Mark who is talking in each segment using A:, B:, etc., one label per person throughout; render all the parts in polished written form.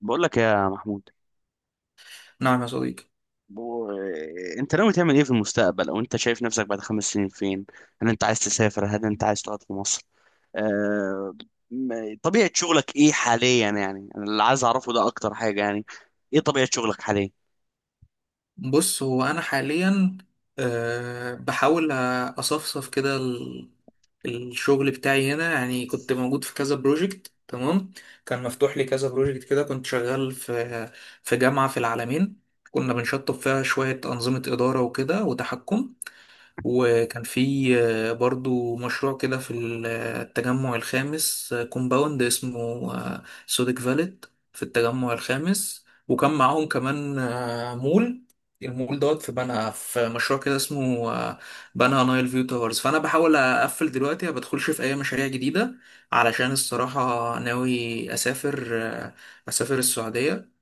A: بقول لك يا محمود.
B: نعم يا صديقي.
A: بو... انت ناوي تعمل ايه في المستقبل، او انت شايف نفسك بعد خمس سنين فين؟ هل انت عايز تسافر؟ هل انت عايز تقعد في مصر؟ آه... طبيعة شغلك ايه حاليا؟ يعني انا اللي عايز اعرفه ده اكتر حاجة يعني. ايه طبيعة شغلك حاليا؟
B: بص، هو أنا حاليا بحاول أصفصف كده الشغل بتاعي هنا، يعني كنت موجود في كذا بروجكت. تمام. كان مفتوح لي كذا بروجكت كده، كنت شغال في جامعة في العالمين، كنا بنشطب فيها شوية أنظمة إدارة وكده وتحكم. وكان في برضو مشروع كده في التجمع الخامس، كومباوند اسمه سودك فاليد في التجمع الخامس. وكان معاهم كمان مول، المول دوت في بنها، في مشروع كده اسمه بنها نايل فيو تاورز. فانا بحاول اقفل دلوقتي، ما بدخلش في اي مشاريع جديده، علشان الصراحه ناوي اسافر اسافر السعوديه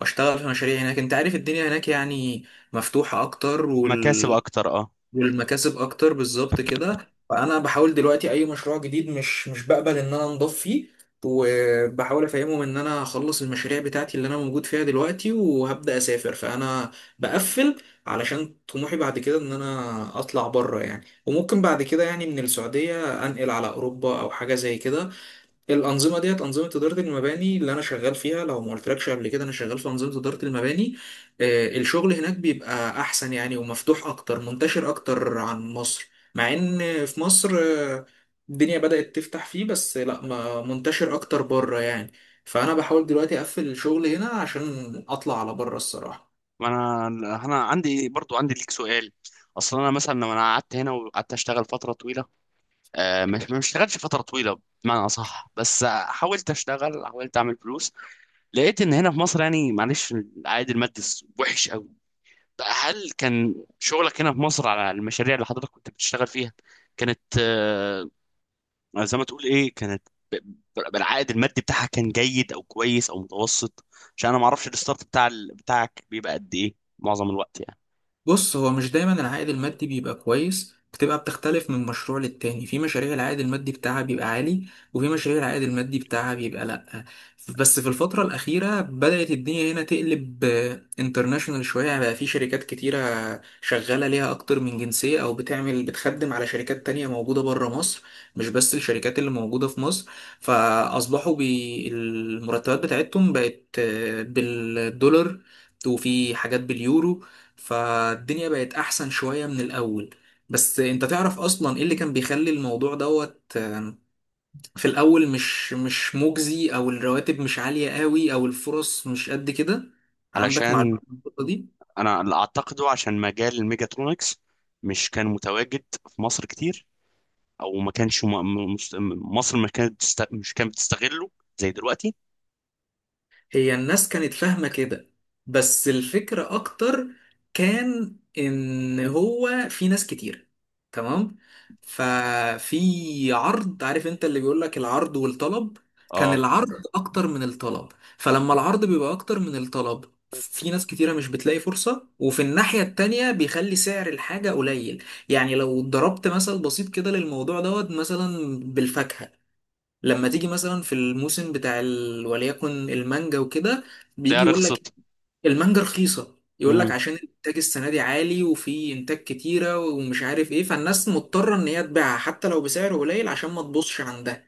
B: واشتغل في مشاريع هناك. انت عارف الدنيا هناك يعني مفتوحه اكتر،
A: مكاسب اكتر، اه.
B: والمكاسب اكتر بالظبط كده. فانا بحاول دلوقتي اي مشروع جديد مش بقبل ان انا انضف فيه، وبحاول افهمهم ان انا هخلص المشاريع بتاعتي اللي انا موجود فيها دلوقتي وهبدا اسافر. فانا بقفل، علشان طموحي بعد كده ان انا اطلع بره يعني، وممكن بعد كده يعني من السعوديه انقل على اوروبا او حاجه زي كده. الانظمه ديت انظمه اداره المباني اللي انا شغال فيها، لو ما قلتلكش قبل كده، انا شغال في انظمه اداره المباني. الشغل هناك بيبقى احسن يعني، ومفتوح اكتر، منتشر اكتر عن مصر. مع ان في مصر الدنيا بدات تفتح فيه، بس لا، ما منتشر اكتر بره يعني. فانا بحاول دلوقتي اقفل الشغل هنا عشان اطلع على بره الصراحه.
A: ما انا عندي، برضو عندي ليك سؤال. اصلا انا مثلا لو انا قعدت هنا وقعدت اشتغل فترة طويلة. مش ما اشتغلتش فترة طويلة بمعنى اصح، بس حاولت اشتغل، حاولت اعمل فلوس. لقيت ان هنا في مصر يعني، معلش، العائد المادي وحش قوي. هل كان شغلك هنا في مصر على المشاريع اللي حضرتك كنت بتشتغل فيها كانت، زي ما تقول ايه، كانت بالعائد المادي بتاعها كان جيد او كويس او متوسط؟ عشان انا ما اعرفش الستارت بتاع بتاعك بيبقى قد ايه معظم الوقت يعني.
B: بص، هو مش دايما العائد المادي بيبقى كويس، بتبقى بتختلف من مشروع للتاني. في مشاريع العائد المادي بتاعها بيبقى عالي، وفي مشاريع العائد المادي بتاعها بيبقى لأ. بس في الفترة الأخيرة بدأت الدنيا هنا تقلب انترناشونال شوية يعني. بقى في شركات كتيرة شغالة ليها أكتر من جنسية، أو بتعمل بتخدم على شركات تانية موجودة بره مصر، مش بس الشركات اللي موجودة في مصر. فأصبحوا بي المرتبات بتاعتهم بقت بالدولار، وفي حاجات باليورو. فالدنيا بقت احسن شوية من الاول. بس انت تعرف اصلا ايه اللي كان بيخلي الموضوع دوت، في الاول مش مجزي، او الرواتب مش عالية قوي، او الفرص مش قد كده؟ عندك معلومة
A: علشان
B: عن النقطة دي؟
A: انا اللي اعتقده عشان مجال الميجاترونكس مش كان متواجد في مصر كتير، او ما كانش مصر ما كانت مش كانت بتستغله زي دلوقتي.
B: هي الناس كانت فاهمة كده، بس الفكرة أكتر كان إن هو في ناس كتير. تمام. ففي عرض، عارف أنت اللي بيقولك العرض والطلب، كان
A: اه،
B: العرض أكتر من الطلب. فلما العرض بيبقى أكتر من الطلب، في ناس كتيرة مش بتلاقي فرصة، وفي الناحية التانية بيخلي سعر الحاجة قليل. يعني لو ضربت مثل بسيط كده للموضوع دوت، مثلا بالفاكهة، لما تيجي مثلا في الموسم بتاع وليكن المانجا وكده،
A: تلاقيها
B: بيجي يقول لك
A: رخصت.
B: المانجا رخيصة، يقول لك
A: مم.
B: عشان الانتاج السنة دي عالي وفي انتاج كتيرة ومش عارف ايه، فالناس مضطرة ان هي تبيعها حتى لو بسعر قليل عشان ما تبوظش عندها.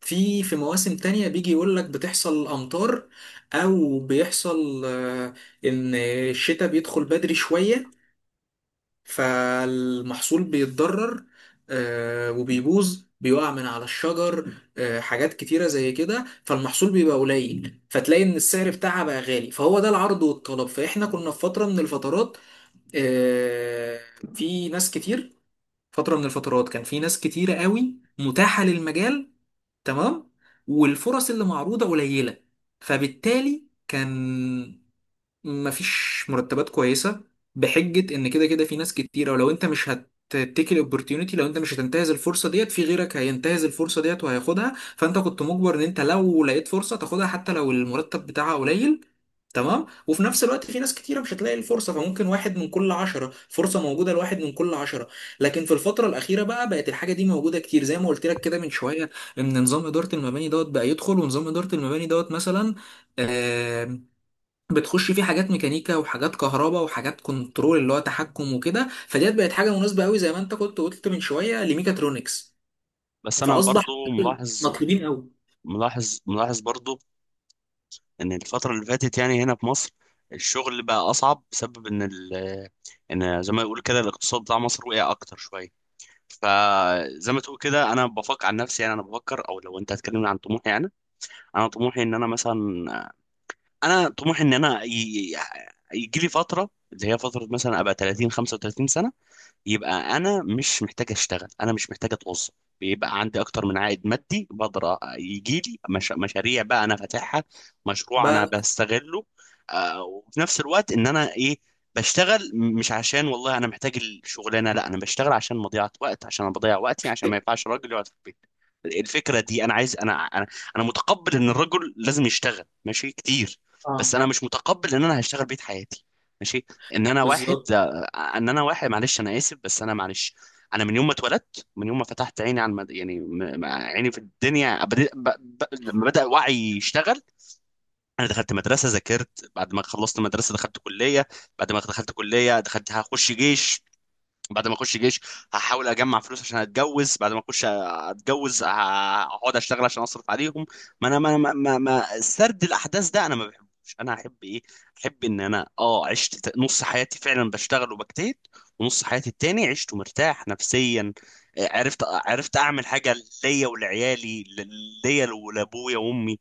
B: في مواسم تانية بيجي يقول لك بتحصل امطار، او بيحصل ان الشتاء بيدخل بدري شوية، فالمحصول بيتضرر، وبيبوظ، بيقع من على الشجر. حاجات كتيرة زي كده، فالمحصول بيبقى قليل، فتلاقي ان السعر بتاعها بقى غالي. فهو ده العرض والطلب. فاحنا كنا في فترة من الفترات، آه، في ناس كتير، فترة من الفترات كان في ناس كتيرة قوي متاحة للمجال. تمام. والفرص اللي معروضة قليلة، فبالتالي كان مفيش مرتبات كويسة، بحجة ان كده كده في ناس كتيرة، ولو انت مش هتتيك الاوبورتيونيتي، لو انت مش هتنتهز الفرصة ديت، في غيرك هينتهز الفرصة ديت وهياخدها. فانت كنت مجبر ان انت لو لقيت فرصة تاخدها حتى لو المرتب بتاعها قليل. تمام. وفي نفس الوقت في ناس كتيرة مش هتلاقي الفرصة، فممكن واحد من كل عشرة، فرصة موجودة لواحد من كل عشرة. لكن في الفترة الأخيرة بقى بقت الحاجة دي موجودة كتير، زي ما قلت لك كده من شوية، إن نظام إدارة المباني دوت بقى يدخل. ونظام إدارة المباني دوت مثلا بتخش فيه حاجات ميكانيكا وحاجات كهرباء وحاجات كنترول اللي هو تحكم وكده، فديت بقت حاجه مناسبه قوي زي ما انت كنت قلت من شويه لميكاترونكس.
A: بس انا برضو
B: فاصبح
A: ملاحظ،
B: مطلوبين قوي.
A: ملاحظ برضو ان الفتره اللي فاتت يعني هنا في مصر، الشغل بقى اصعب بسبب ان زي ما يقول كده الاقتصاد بتاع مصر وقع اكتر شويه. فزي ما تقول كده انا بفكر عن نفسي يعني، انا بفكر، او لو انت هتكلمني عن طموحي يعني، انا طموحي ان انا مثلا، انا طموحي ان انا يجي لي فتره اللي هي فتره مثلا ابقى 30 35 سنه، يبقى انا مش محتاج اشتغل، انا مش محتاج اتوظف. بيبقى عندي اكتر من عائد مادي، بقدر يجي لي مش... مشاريع بقى انا فاتحها، مشروع انا
B: بقى.
A: بستغله. آه، وفي نفس الوقت ان انا ايه، بشتغل، مش عشان والله انا محتاج الشغلانه، لا انا بشتغل عشان مضيعه وقت، عشان انا بضيع وقتي، عشان ما ينفعش راجل يقعد في البيت. الفكره دي انا عايز، انا متقبل ان الرجل لازم يشتغل، ماشي، كتير. بس
B: اه.
A: انا مش متقبل ان انا هشتغل بيت حياتي، ماشي، ان انا واحد
B: بالظبط.
A: ان انا واحد، معلش انا اسف، بس انا معلش. انا من يوم ما اتولدت، من يوم ما فتحت عيني على يعني عيني في الدنيا، لما بدأ وعي يشتغل، انا دخلت مدرسه، ذاكرت، بعد ما خلصت مدرسه دخلت كليه، بعد ما دخلت كليه دخلت هخش جيش، بعد ما اخش جيش هحاول اجمع فلوس عشان اتجوز، بعد ما اخش اتجوز هقعد اشتغل عشان اصرف عليهم. ما انا ما سرد الاحداث ده انا ما بحبوش، انا احب ايه؟ احب ان انا، عشت نص حياتي فعلا بشتغل وبجتهد، ونص حياتي التاني عشت مرتاح نفسيا. عرفت اعمل حاجه ليا ولعيالي، ليا ولابويا وامي.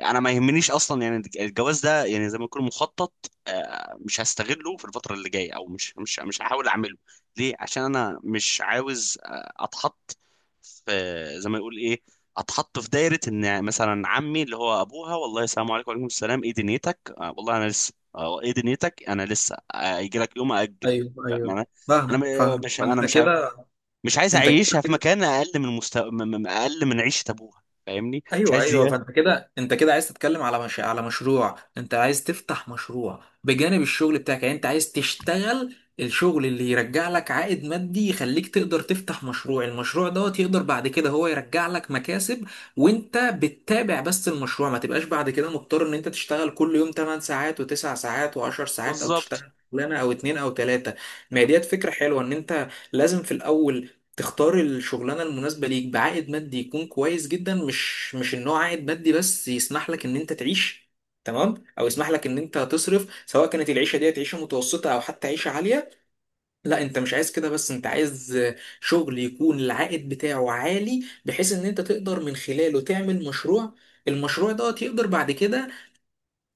A: انا ما يهمنيش اصلا يعني، الجواز ده يعني زي ما يكون مخطط. مش هستغله في الفتره اللي جايه، او مش هحاول اعمله. ليه؟ عشان انا مش عاوز، اتحط في، زي ما يقول ايه، اتحط في دايره. ان مثلا عمي اللي هو ابوها: والله السلام عليكم. وعليكم السلام. ايه دنيتك؟ والله انا لسه. ايه دنيتك؟ انا لسه. هيجي لك يوم، اجل.
B: ايوه،
A: ما
B: ايوه.
A: انا انا
B: فاهم، فاهم.
A: مش
B: ما
A: انا
B: انت كده،
A: مش عايز
B: انت
A: اعيشها في
B: كده.
A: مكان اقل من مستوى، اقل من عيشه ابوها، فاهمني؟ مش
B: ايوه،
A: عايز
B: ايوه.
A: زياده.
B: فانت كده، انت كده عايز تتكلم على مش... على مشروع. انت عايز تفتح مشروع بجانب الشغل بتاعك، يعني انت عايز تشتغل الشغل اللي يرجع لك عائد مادي يخليك تقدر تفتح مشروع، المشروع دوت يقدر بعد كده هو يرجع لك مكاسب وانت بتتابع بس المشروع. ما تبقاش بعد كده مضطر ان انت تشتغل كل يوم 8 ساعات و9 ساعات و10 ساعات، او
A: بالظبط،
B: تشتغل شغلانه او اتنين او تلاته. ما هي ديت فكره حلوه، ان انت لازم في الاول تختار الشغلانة المناسبة ليك بعائد مادي يكون كويس جدا، مش ان هو عائد مادي بس يسمح لك ان انت تعيش، تمام، او يسمح لك ان انت تصرف سواء كانت العيشة ديت عيشة متوسطة او حتى عيشة عالية. لا، انت مش عايز كده، بس انت عايز شغل يكون العائد بتاعه عالي بحيث ان انت تقدر من خلاله تعمل مشروع، المشروع ده يقدر بعد كده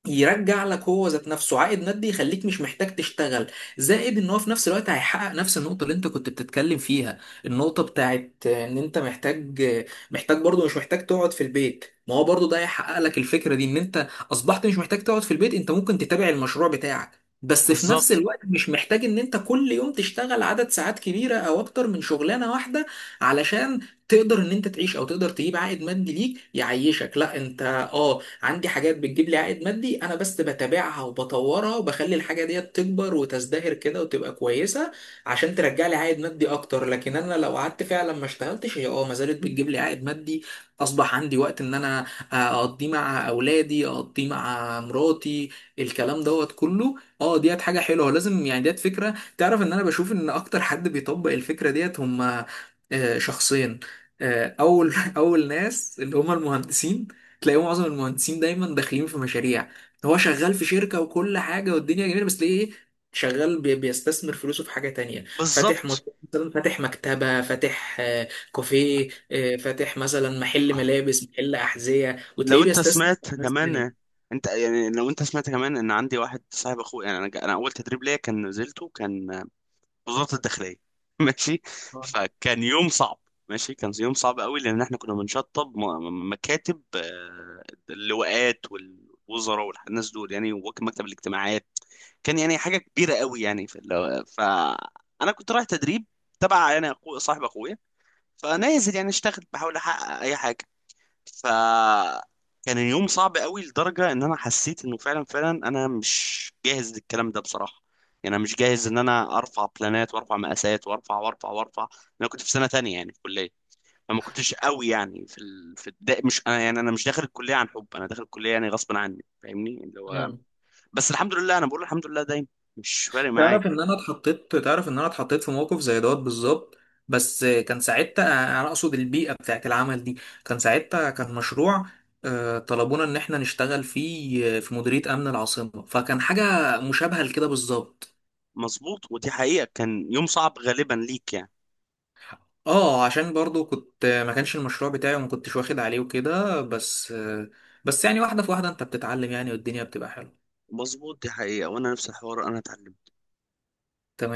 B: يرجع لك هو ذات نفسه عائد مادي يخليك مش محتاج تشتغل. زائد ان هو في نفس الوقت هيحقق نفس النقطة اللي انت كنت بتتكلم فيها، النقطة بتاعت ان انت محتاج، برضو مش محتاج تقعد في البيت. ما هو برضو ده هيحقق لك الفكرة دي ان انت اصبحت مش محتاج تقعد في البيت، انت ممكن تتابع المشروع بتاعك بس في نفس
A: بالظبط،
B: الوقت مش محتاج ان انت كل يوم تشتغل عدد ساعات كبيرة او اكتر من شغلانة واحدة، علشان تقدر ان انت تعيش او تقدر تجيب عائد مادي ليك يعيشك. لا، انت اه عندي حاجات بتجيب لي عائد مادي، انا بس بتابعها وبطورها وبخلي الحاجه ديت تكبر وتزدهر كده وتبقى كويسه، عشان ترجع لي عائد مادي اكتر. لكن انا لو قعدت فعلا ما اشتغلتش، هي اه ما زالت بتجيب لي عائد مادي. اصبح عندي وقت ان انا آه، اقضيه مع اولادي، اقضيه مع مراتي، الكلام دوت كله. اه، ديت حاجه حلوه لازم يعني. ديت فكره، تعرف ان انا بشوف ان اكتر حد بيطبق الفكره ديت هم شخصين. اول اول ناس اللي هم المهندسين. تلاقيه معظم المهندسين دايما داخلين في مشاريع، هو شغال في شركة وكل حاجة والدنيا جميلة، بس ليه ايه؟ شغال بيستثمر فلوسه في حاجة تانية، فاتح
A: بالظبط.
B: مشروع، مثلا فاتح مكتبة، فاتح كافيه، فاتح مثلا محل ملابس، محل أحذية،
A: لو
B: وتلاقيه
A: انت
B: بيستثمر
A: سمعت
B: في ناس
A: كمان،
B: تانية.
A: انت يعني لو انت سمعت كمان ان عندي واحد صاحب اخويا يعني، انا انا اول تدريب ليا كان نزلته كان وزارة الداخلية ماشي. فكان يوم صعب، ماشي، كان يوم صعب قوي لان احنا كنا بنشطب مكاتب، اللواءات والوزراء والناس دول يعني، ومكتب الاجتماعات. كان يعني حاجة كبيرة قوي يعني في فانا كنت رايح تدريب تبع يعني اخو صاحب اخويا. فنازل يعني اشتغل بحاول احقق اي حاجة. فكان اليوم صعب قوي لدرجة ان انا حسيت انه فعلا، فعلا انا مش جاهز للكلام ده بصراحة. يعني انا مش جاهز ان انا ارفع بلانات وارفع مقاسات وارفع وارفع وارفع. انا كنت في سنة تانية يعني في الكلية، فما كنتش قوي يعني في مش انا يعني، انا مش داخل الكلية عن حب، انا داخل الكلية يعني غصب عني، فاهمني اللي هو.
B: آه.
A: بس الحمد لله، انا بقول الحمد لله دايما، مش فارق معايا.
B: تعرف ان انا اتحطيت في موقف زي دوت بالظبط، بس كان ساعتها، انا اقصد البيئه بتاعت العمل دي، كان ساعتها كان مشروع طلبونا ان احنا نشتغل فيه في مديريه امن العاصمه، فكان حاجه مشابهه لكده بالظبط.
A: مظبوط، ودي حقيقة، كان يوم صعب غالبا ليك يعني.
B: اه، عشان برضو كنت، ما كانش المشروع بتاعي وما كنتش واخد عليه وكده، بس بس يعني واحده في واحده انت بتتعلم يعني، والدنيا بتبقى حلوه.
A: مظبوط، دي حقيقة، وانا نفس الحوار انا اتعلمت.
B: تمام.